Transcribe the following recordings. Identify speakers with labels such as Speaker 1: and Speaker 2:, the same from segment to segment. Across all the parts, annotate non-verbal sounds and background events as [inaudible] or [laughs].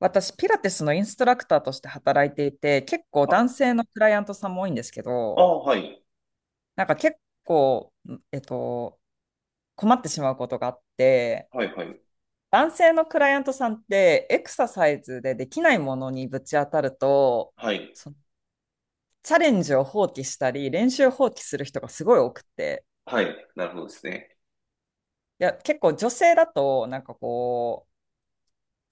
Speaker 1: 私、ピラティスのインストラクターとして働いていて、結構男
Speaker 2: あ、
Speaker 1: 性のクライアントさんも多いんですけ
Speaker 2: あ
Speaker 1: ど、
Speaker 2: あ、はい。
Speaker 1: なんか結構、えっと、困ってしまうことがあって、
Speaker 2: はい、はい。
Speaker 1: 男性のクライアントさんってエクササイズでできないものにぶち当たると、
Speaker 2: はい。
Speaker 1: そのチャレンジを放棄したり、練習を放棄する人がすごい多くて、
Speaker 2: はい。なるほどですね。
Speaker 1: いや、結構女性だと、なんかこう、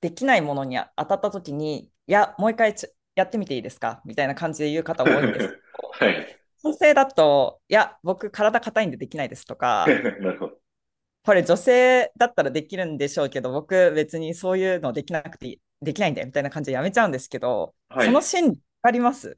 Speaker 1: できないものに当たった時に、いや、もう一回やってみていいですかみたいな感じで言う方
Speaker 2: [laughs]
Speaker 1: 多いんです。
Speaker 2: はい。
Speaker 1: 女性だと、いや、僕体硬いんでできないですと
Speaker 2: [laughs]
Speaker 1: か、
Speaker 2: なるほど。
Speaker 1: これ女性だったらできるんでしょうけど、僕別にそういうのできなくてできないんだよみたいな感じでやめちゃうんですけど、
Speaker 2: は
Speaker 1: その
Speaker 2: い。
Speaker 1: 心理わかります？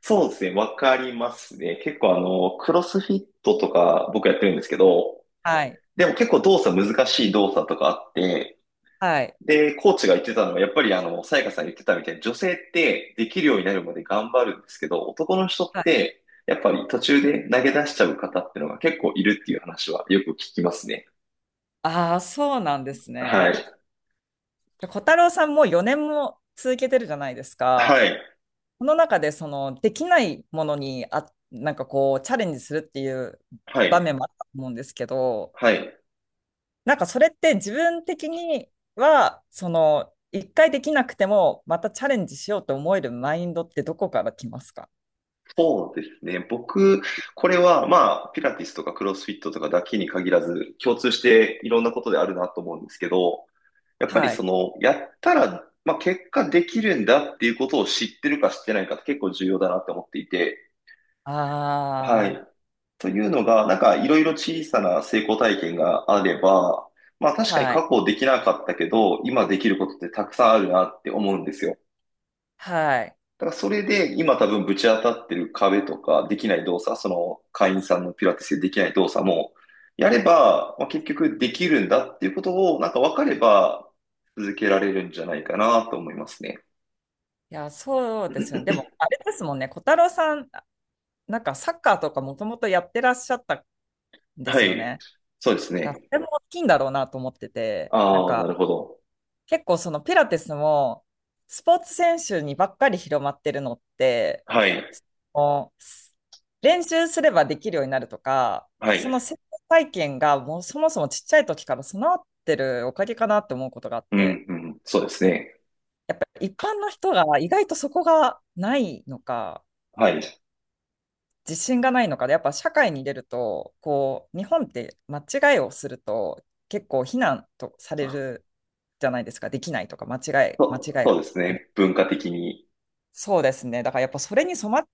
Speaker 2: そうですね。わかりますね。結構クロスフィットとか僕やってるんですけど、
Speaker 1: はい。
Speaker 2: でも結構難しい動作とかあって、
Speaker 1: はい。
Speaker 2: で、コーチが言ってたのは、やっぱりさやかさん言ってたみたいに、女性ってできるようになるまで頑張るんですけど、男の人
Speaker 1: は
Speaker 2: っ
Speaker 1: い。
Speaker 2: て、やっぱり途中で投げ出しちゃう方っていうのが結構いるっていう話はよく聞きますね。
Speaker 1: ああ、そうなんです
Speaker 2: は
Speaker 1: ね。
Speaker 2: い。
Speaker 1: で小太郎さんも4年も続けてるじゃないですか。
Speaker 2: はい。
Speaker 1: この中でそのできないものになんかこうチャレンジするっていう
Speaker 2: はい。
Speaker 1: 場面もあったと思うんですけど、
Speaker 2: はい。
Speaker 1: なんかそれって自分的には、一回できなくても、またチャレンジしようと思えるマインドってどこから来ますか？
Speaker 2: そうですね。僕、これは、まあ、ピラティスとかクロスフィットとかだけに限らず、共通していろんなことであるなと思うんですけど、やっぱり
Speaker 1: はい。
Speaker 2: その、やったら、まあ、結果できるんだっていうことを知ってるか知ってないかって結構重要だなって思っていて、は
Speaker 1: あ
Speaker 2: い。というのが、なんか、いろいろ小さな成功体験があれば、まあ、
Speaker 1: あ、
Speaker 2: 確かに
Speaker 1: はい。
Speaker 2: 過去できなかったけど、今できることってたくさんあるなって思うんですよ。
Speaker 1: はい。
Speaker 2: だからそれで今多分ぶち当たってる壁とかできない動作、その会員さんのピラティスでできない動作もやれば、まあ、結局できるんだっていうことをなんか分かれば続けられるんじゃないかなと思いますね。
Speaker 1: いや、そうですよね。でも、あれですもんね。小太郎さん、なんかサッカーとかもともとやってらっしゃったんで
Speaker 2: は
Speaker 1: すよ
Speaker 2: い。
Speaker 1: ね。
Speaker 2: そうです
Speaker 1: いやそ
Speaker 2: ね。
Speaker 1: れも大きいんだろうなと思ってて、なん
Speaker 2: ああ、な
Speaker 1: か、
Speaker 2: るほど。
Speaker 1: 結構そのピラティスも、スポーツ選手にばっかり広まってるのって、
Speaker 2: はい。
Speaker 1: もう練習すればできるようになるとか、
Speaker 2: は
Speaker 1: そ
Speaker 2: い。
Speaker 1: の成功体験がもうそもそもちっちゃい時から備わってるおかげかなって思うことがあっ
Speaker 2: う
Speaker 1: て、
Speaker 2: ん、うん。そうですね。
Speaker 1: やっぱ一般の人が意外とそこがないのか、
Speaker 2: はい。
Speaker 1: 自信がないのかで、やっぱ社会に出ると、こう、日本って間違いをすると結構非難とされるじゃないですか、できないとか、間違いがみ
Speaker 2: そうです
Speaker 1: たいな。
Speaker 2: ね。文化的に。
Speaker 1: そうですね。だからやっぱそれに染まっ、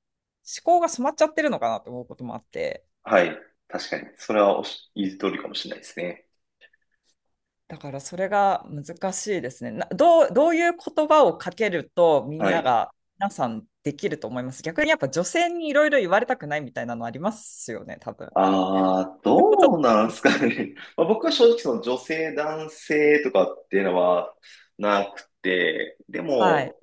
Speaker 1: 思考が染まっちゃってるのかなと思うこともあって。
Speaker 2: はい。確かに。それはおっし、言う通りかもしれないですね。
Speaker 1: だからそれが難しいですね。などう、どういう言葉をかけるとみ
Speaker 2: は
Speaker 1: んな
Speaker 2: い。
Speaker 1: が、皆さんできると思います。逆にやっぱ女性にいろいろ言われたくないみたいなのありますよね、多分。
Speaker 2: ああ、
Speaker 1: それもちょっ
Speaker 2: どう
Speaker 1: と、
Speaker 2: なんですかね。[laughs] まあ、僕は正直その女性、男性とかっていうのはなくて、で
Speaker 1: はい、
Speaker 2: も、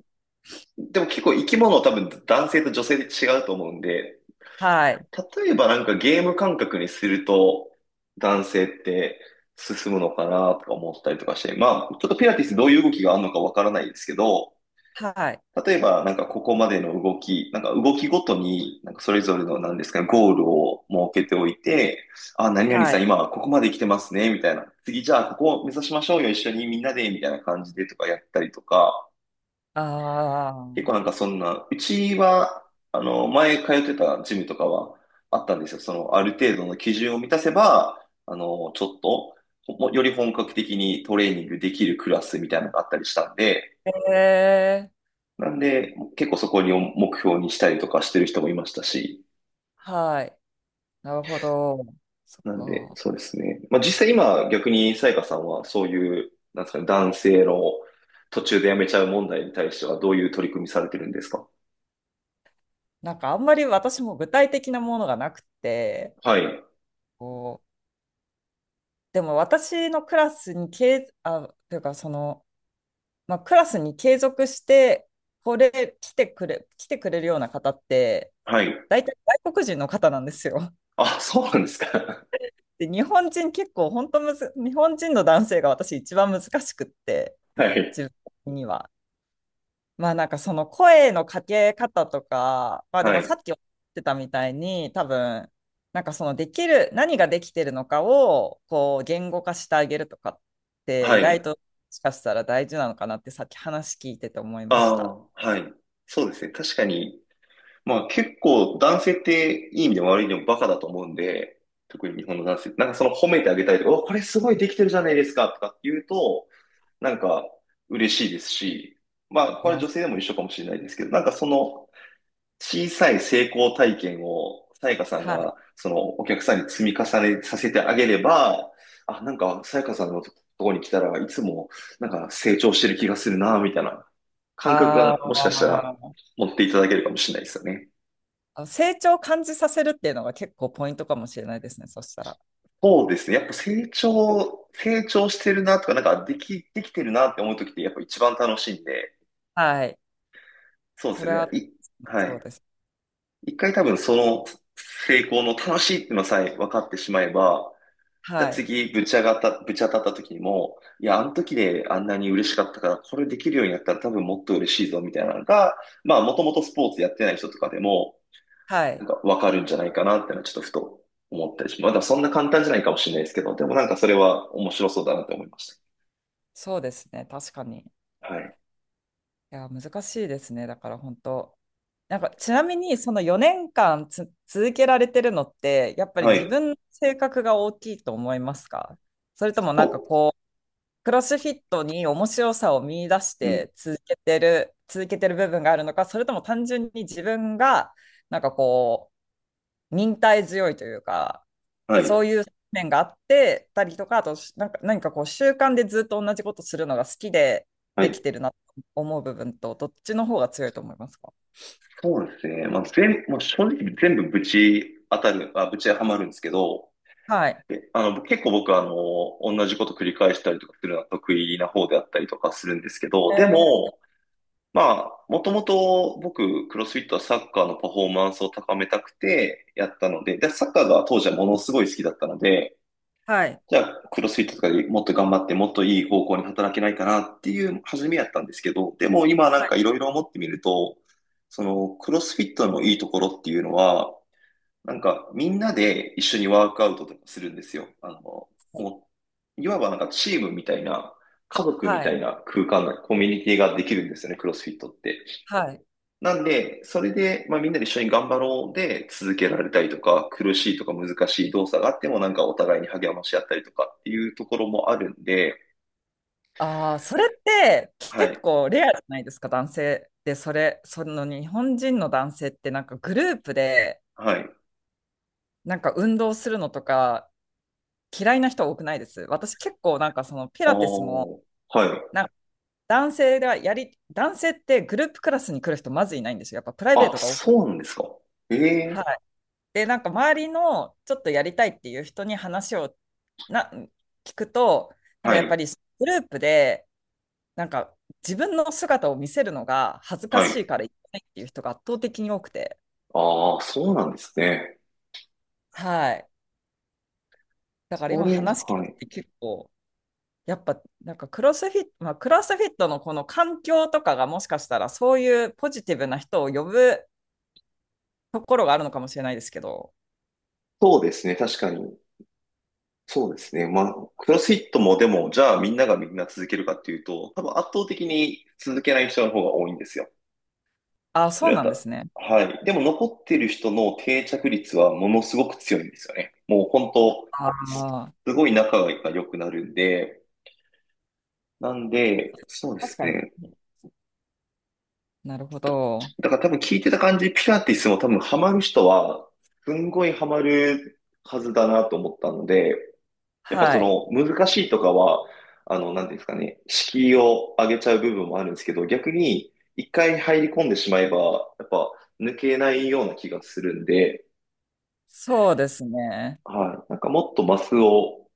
Speaker 2: でも結構生き物は多分男性と女性で違うと思うんで、
Speaker 1: はい、
Speaker 2: 例えばなんかゲーム感覚にすると男性って進むのかなとか思ったりとかして、まあちょっとピラティスどういう動きがあるのかわからないですけど、
Speaker 1: はい、
Speaker 2: 例えば、なんかここまでの動き、なんか動きごとに、なんかそれぞれの何ですかね、ゴールを設けておいて、あ、何々
Speaker 1: は
Speaker 2: さん
Speaker 1: い。
Speaker 2: 今はここまで来てますね、みたいな。次じゃあここを目指しましょうよ、一緒にみんなで、みたいな感じでとかやったりとか、結構
Speaker 1: あ
Speaker 2: なんかそんな、うちは、前通ってたジムとかはあったんですよ。その、ある程度の基準を満たせば、あの、ちょっと、より本格的にトレーニングできるクラスみたいなのがあったりしたんで、
Speaker 1: あ、へえ、
Speaker 2: なんで、結構そこに目標にしたりとかしてる人もいましたし、
Speaker 1: はい。なるほど。そっ
Speaker 2: なんで、
Speaker 1: か。
Speaker 2: そうですね。まあ実際今逆にさやかさんはそういう、なんですかね、男性の途中で辞めちゃう問題に対してはどういう取り組みされてるんですか？
Speaker 1: なんかあんまり私も具体的なものがなくて、
Speaker 2: はい。
Speaker 1: こう、でも私のクラスに、けいあ、というかその、まあ、クラスに継続して、来てくれるような方って、
Speaker 2: はい。
Speaker 1: 大体外国人の方なんですよ。[laughs]
Speaker 2: あ、そうなんですか。
Speaker 1: で、日本人結構、本当むず、日本人の男性が私一番難しくって、
Speaker 2: [laughs] はい。
Speaker 1: 自分的には。まあなんかその声のかけ方とか、まあで
Speaker 2: は
Speaker 1: もさ
Speaker 2: い。
Speaker 1: っきおっしゃってたみたいに、多分、なんかそのできる、何ができてるのかを、こう、言語化してあげるとかって、
Speaker 2: は
Speaker 1: 意
Speaker 2: い。
Speaker 1: 外と、もしかしたら大事なのかなってさっき話聞いてて思いまし
Speaker 2: あ
Speaker 1: た。
Speaker 2: あ、はい。そうですね。確かに、まあ結構男性っていい意味でも悪い意味でもバカだと思うんで、特に日本の男性って、なんかその褒めてあげたりとか、お、これすごいできてるじゃないですかとかって言うと、なんか嬉しいですし、まあ、
Speaker 1: い
Speaker 2: これ
Speaker 1: や、
Speaker 2: 女性でも一緒かもしれないですけど、なんかその小さい成功体験を、さやかさん
Speaker 1: はい。
Speaker 2: が、そのお客さんに積み重ねさせてあげれば、あ、なんかさやかさんのところに来たらいつもなんか成長してる気がするな、みたいな感覚がも
Speaker 1: あ
Speaker 2: しかしたら持っていただけるかもしれないですよね。
Speaker 1: あ、成長を感じさせるっていうのが結構ポイントかもしれないですね、そしたら。
Speaker 2: そうですね。やっぱ成長してるなとか、なんかできてるなって思うときってやっぱ一番楽しいんで、
Speaker 1: はい。
Speaker 2: そうで
Speaker 1: そ
Speaker 2: す
Speaker 1: れ
Speaker 2: ね。
Speaker 1: は、
Speaker 2: は
Speaker 1: そう
Speaker 2: い。
Speaker 1: です。
Speaker 2: 一回多分その成功の楽しいっていうのさえ分かってしまえば、じゃあ
Speaker 1: はい。
Speaker 2: 次ぶち当たった時にも、いや、あの時であんなに嬉しかったから、これできるようになったら多分もっと嬉しいぞみたいなのが、まあもともとスポーツやってない人とかでも、
Speaker 1: はい。
Speaker 2: なんか分かるんじゃないかなっていうのはちょっとふと思ったりします。まだそんな簡単じゃないかもしれないですけど、でもなんかそれは面白そうだなって思いまし
Speaker 1: そうですね、確かに。い
Speaker 2: た。はい。
Speaker 1: や、難しいですね、だから本当。なんか、ちなみに、その4年間続けられてるのって、やっぱり
Speaker 2: は
Speaker 1: 自
Speaker 2: い。
Speaker 1: 分の性格が大きいと思いますか？それともな
Speaker 2: と、
Speaker 1: んかこう、クロスフィットに面白さを見出し
Speaker 2: うん。
Speaker 1: て続けてる部分があるのか、それとも単純に自分が、なんかこう、忍耐強いというか、
Speaker 2: はい。
Speaker 1: そういう面があってたりとか、あと、なんか何かこう、習慣でずっと同じことするのが好きで
Speaker 2: は
Speaker 1: でき
Speaker 2: い。
Speaker 1: てるなと思う部分と、どっちの方が強いと思いますか？
Speaker 2: そうですね。まあ、正直全部ぶちはまるんですけど、
Speaker 1: はい。
Speaker 2: あの、結構僕はあの、同じこと繰り返したりとかするのは得意な方であったりとかするんですけど、
Speaker 1: え
Speaker 2: で
Speaker 1: ー
Speaker 2: も、まあ、もともと僕、クロスフィットはサッカーのパフォーマンスを高めたくてやったので、で、サッカーが当時はものすごい好きだったので、
Speaker 1: はい。
Speaker 2: じゃあ、クロスフィットとかでもっと頑張って、もっといい方向に働けないかなっていう初めやったんですけど、でも今な
Speaker 1: は
Speaker 2: ん
Speaker 1: い。
Speaker 2: かいろいろ思ってみると、そのクロスフィットのいいところっていうのは、なんかみんなで一緒にワークアウトとかするんですよ。あの、もう、いわばなんかチームみたいな、家族み
Speaker 1: は
Speaker 2: た
Speaker 1: い。
Speaker 2: いな空間、コミュニティができるんですよね、クロスフィットって。
Speaker 1: はい。
Speaker 2: なんで、それで、まあ、みんなで一緒に頑張ろうで続けられたりとか、苦しいとか難しい動作があっても、なんかお互いに励まし合ったりとかっていうところもあるんで、
Speaker 1: ああ、それって結
Speaker 2: はい、
Speaker 1: 構レアじゃないですか、男性で、その日本人の男性ってなんかグループで
Speaker 2: はい。
Speaker 1: なんか運動するのとか嫌いな人多くないです。私結構なんかそのピ
Speaker 2: あ
Speaker 1: ラティスも、
Speaker 2: ーはい。
Speaker 1: なんか男性ではやり、男性ってグループクラスに来る人まずいないんですよ。やっぱプライベー
Speaker 2: あ、
Speaker 1: トが多く。
Speaker 2: そうなんですか。え
Speaker 1: は
Speaker 2: え、
Speaker 1: い。で、なんか周りのちょっとやりたいっていう人に話をな聞くと、なんか
Speaker 2: は
Speaker 1: やっぱ
Speaker 2: い、
Speaker 1: りグループでなんか自分の姿を見せるのが恥ずか
Speaker 2: は
Speaker 1: し
Speaker 2: い。
Speaker 1: いから言えないっていう人が圧倒的に多くて、
Speaker 2: ああ、そうなんですね。
Speaker 1: はい。だから
Speaker 2: そ
Speaker 1: 今
Speaker 2: れ、
Speaker 1: 話聞
Speaker 2: はい。
Speaker 1: いて結構、やっぱなんかクロスフィット、まあ、クロスフィットのこの環境とかがもしかしたらそういうポジティブな人を呼ぶところがあるのかもしれないですけど、
Speaker 2: そうですね、確かに。そうですね。まあ、クロスフィットもでも、じゃあみんながみんな続けるかっていうと、多分圧倒的に続けない人の方が多いんですよ。
Speaker 1: ああ、
Speaker 2: そ
Speaker 1: そう
Speaker 2: れは
Speaker 1: なん
Speaker 2: た、
Speaker 1: ですね。
Speaker 2: はい。でも残ってる人の定着率はものすごく強いんですよね。もう本当、
Speaker 1: あ
Speaker 2: す
Speaker 1: あ、
Speaker 2: すごい仲が良くなるんで、なんで、そうで
Speaker 1: 確
Speaker 2: す
Speaker 1: かに。
Speaker 2: ね。
Speaker 1: なるほど。
Speaker 2: だから多分聞いてた感じ、ピラティスも多分ハマる人は、すんごいハマるはずだなと思ったので、やっぱ
Speaker 1: は
Speaker 2: そ
Speaker 1: い。
Speaker 2: の難しいとかは、あの、なんていうんですかね、敷居を上げちゃう部分もあるんですけど、逆に一回入り込んでしまえば、やっぱ抜けないような気がするんで、
Speaker 1: そうですね。
Speaker 2: はい。なんかもっとマスを、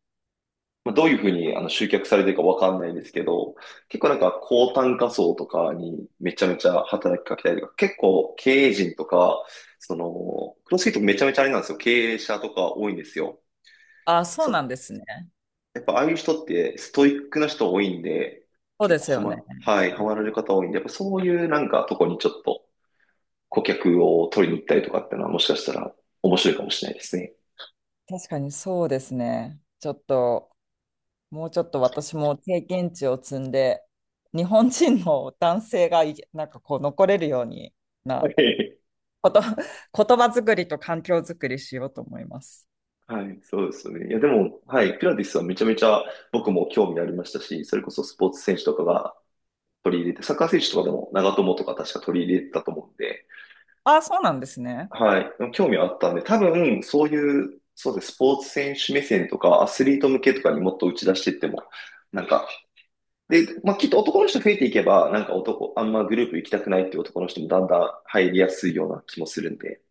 Speaker 2: まあ、どういうふうに集客されてるかわかんないんですけど、結構なんか高単価層とかにめちゃめちゃ働きかけたりとか、結構経営陣とか、その、クロスフィットめちゃめちゃあれなんですよ。経営者とか多いんですよ。
Speaker 1: ああ、そうな
Speaker 2: そ
Speaker 1: んですね。
Speaker 2: やっぱああいう人ってストイックな人多いんで、
Speaker 1: そう
Speaker 2: 結
Speaker 1: で
Speaker 2: 構
Speaker 1: す
Speaker 2: は
Speaker 1: よ
Speaker 2: ま、
Speaker 1: ね。
Speaker 2: はい、ハマられる方多いんで、やっぱそういうなんかとこにちょっと顧客を取りに行ったりとかってのはもしかしたら面白いかもしれないですね。
Speaker 1: 確かにそうですね。ちょっともうちょっと私も経験値を積んで、日本人の男性がなんかこう残れるようにな
Speaker 2: [laughs]
Speaker 1: こと、[laughs] 言葉作りと環境作りしようと思います。
Speaker 2: はい、そうですね。いや、でも、はい、ピラティスはめちゃめちゃ僕も興味ありましたし、それこそスポーツ選手とかが取り入れて、サッカー選手とかでも長友とか確か取り入れてたと思うんで、
Speaker 1: ああ、そうなんですね。
Speaker 2: はい、でも興味はあったんで、多分、そういう、そうですね、スポーツ選手目線とか、アスリート向けとかにもっと打ち出していっても、なんか、で、まあ、きっと男の人増えていけば、なんか男、あんまグループ行きたくないっていう男の人もだんだん入りやすいような気もするんで、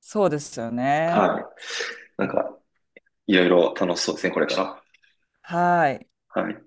Speaker 1: そうですよね。
Speaker 2: はい、なんか、いろいろ楽しそうですね、これから。
Speaker 1: はい。
Speaker 2: はい。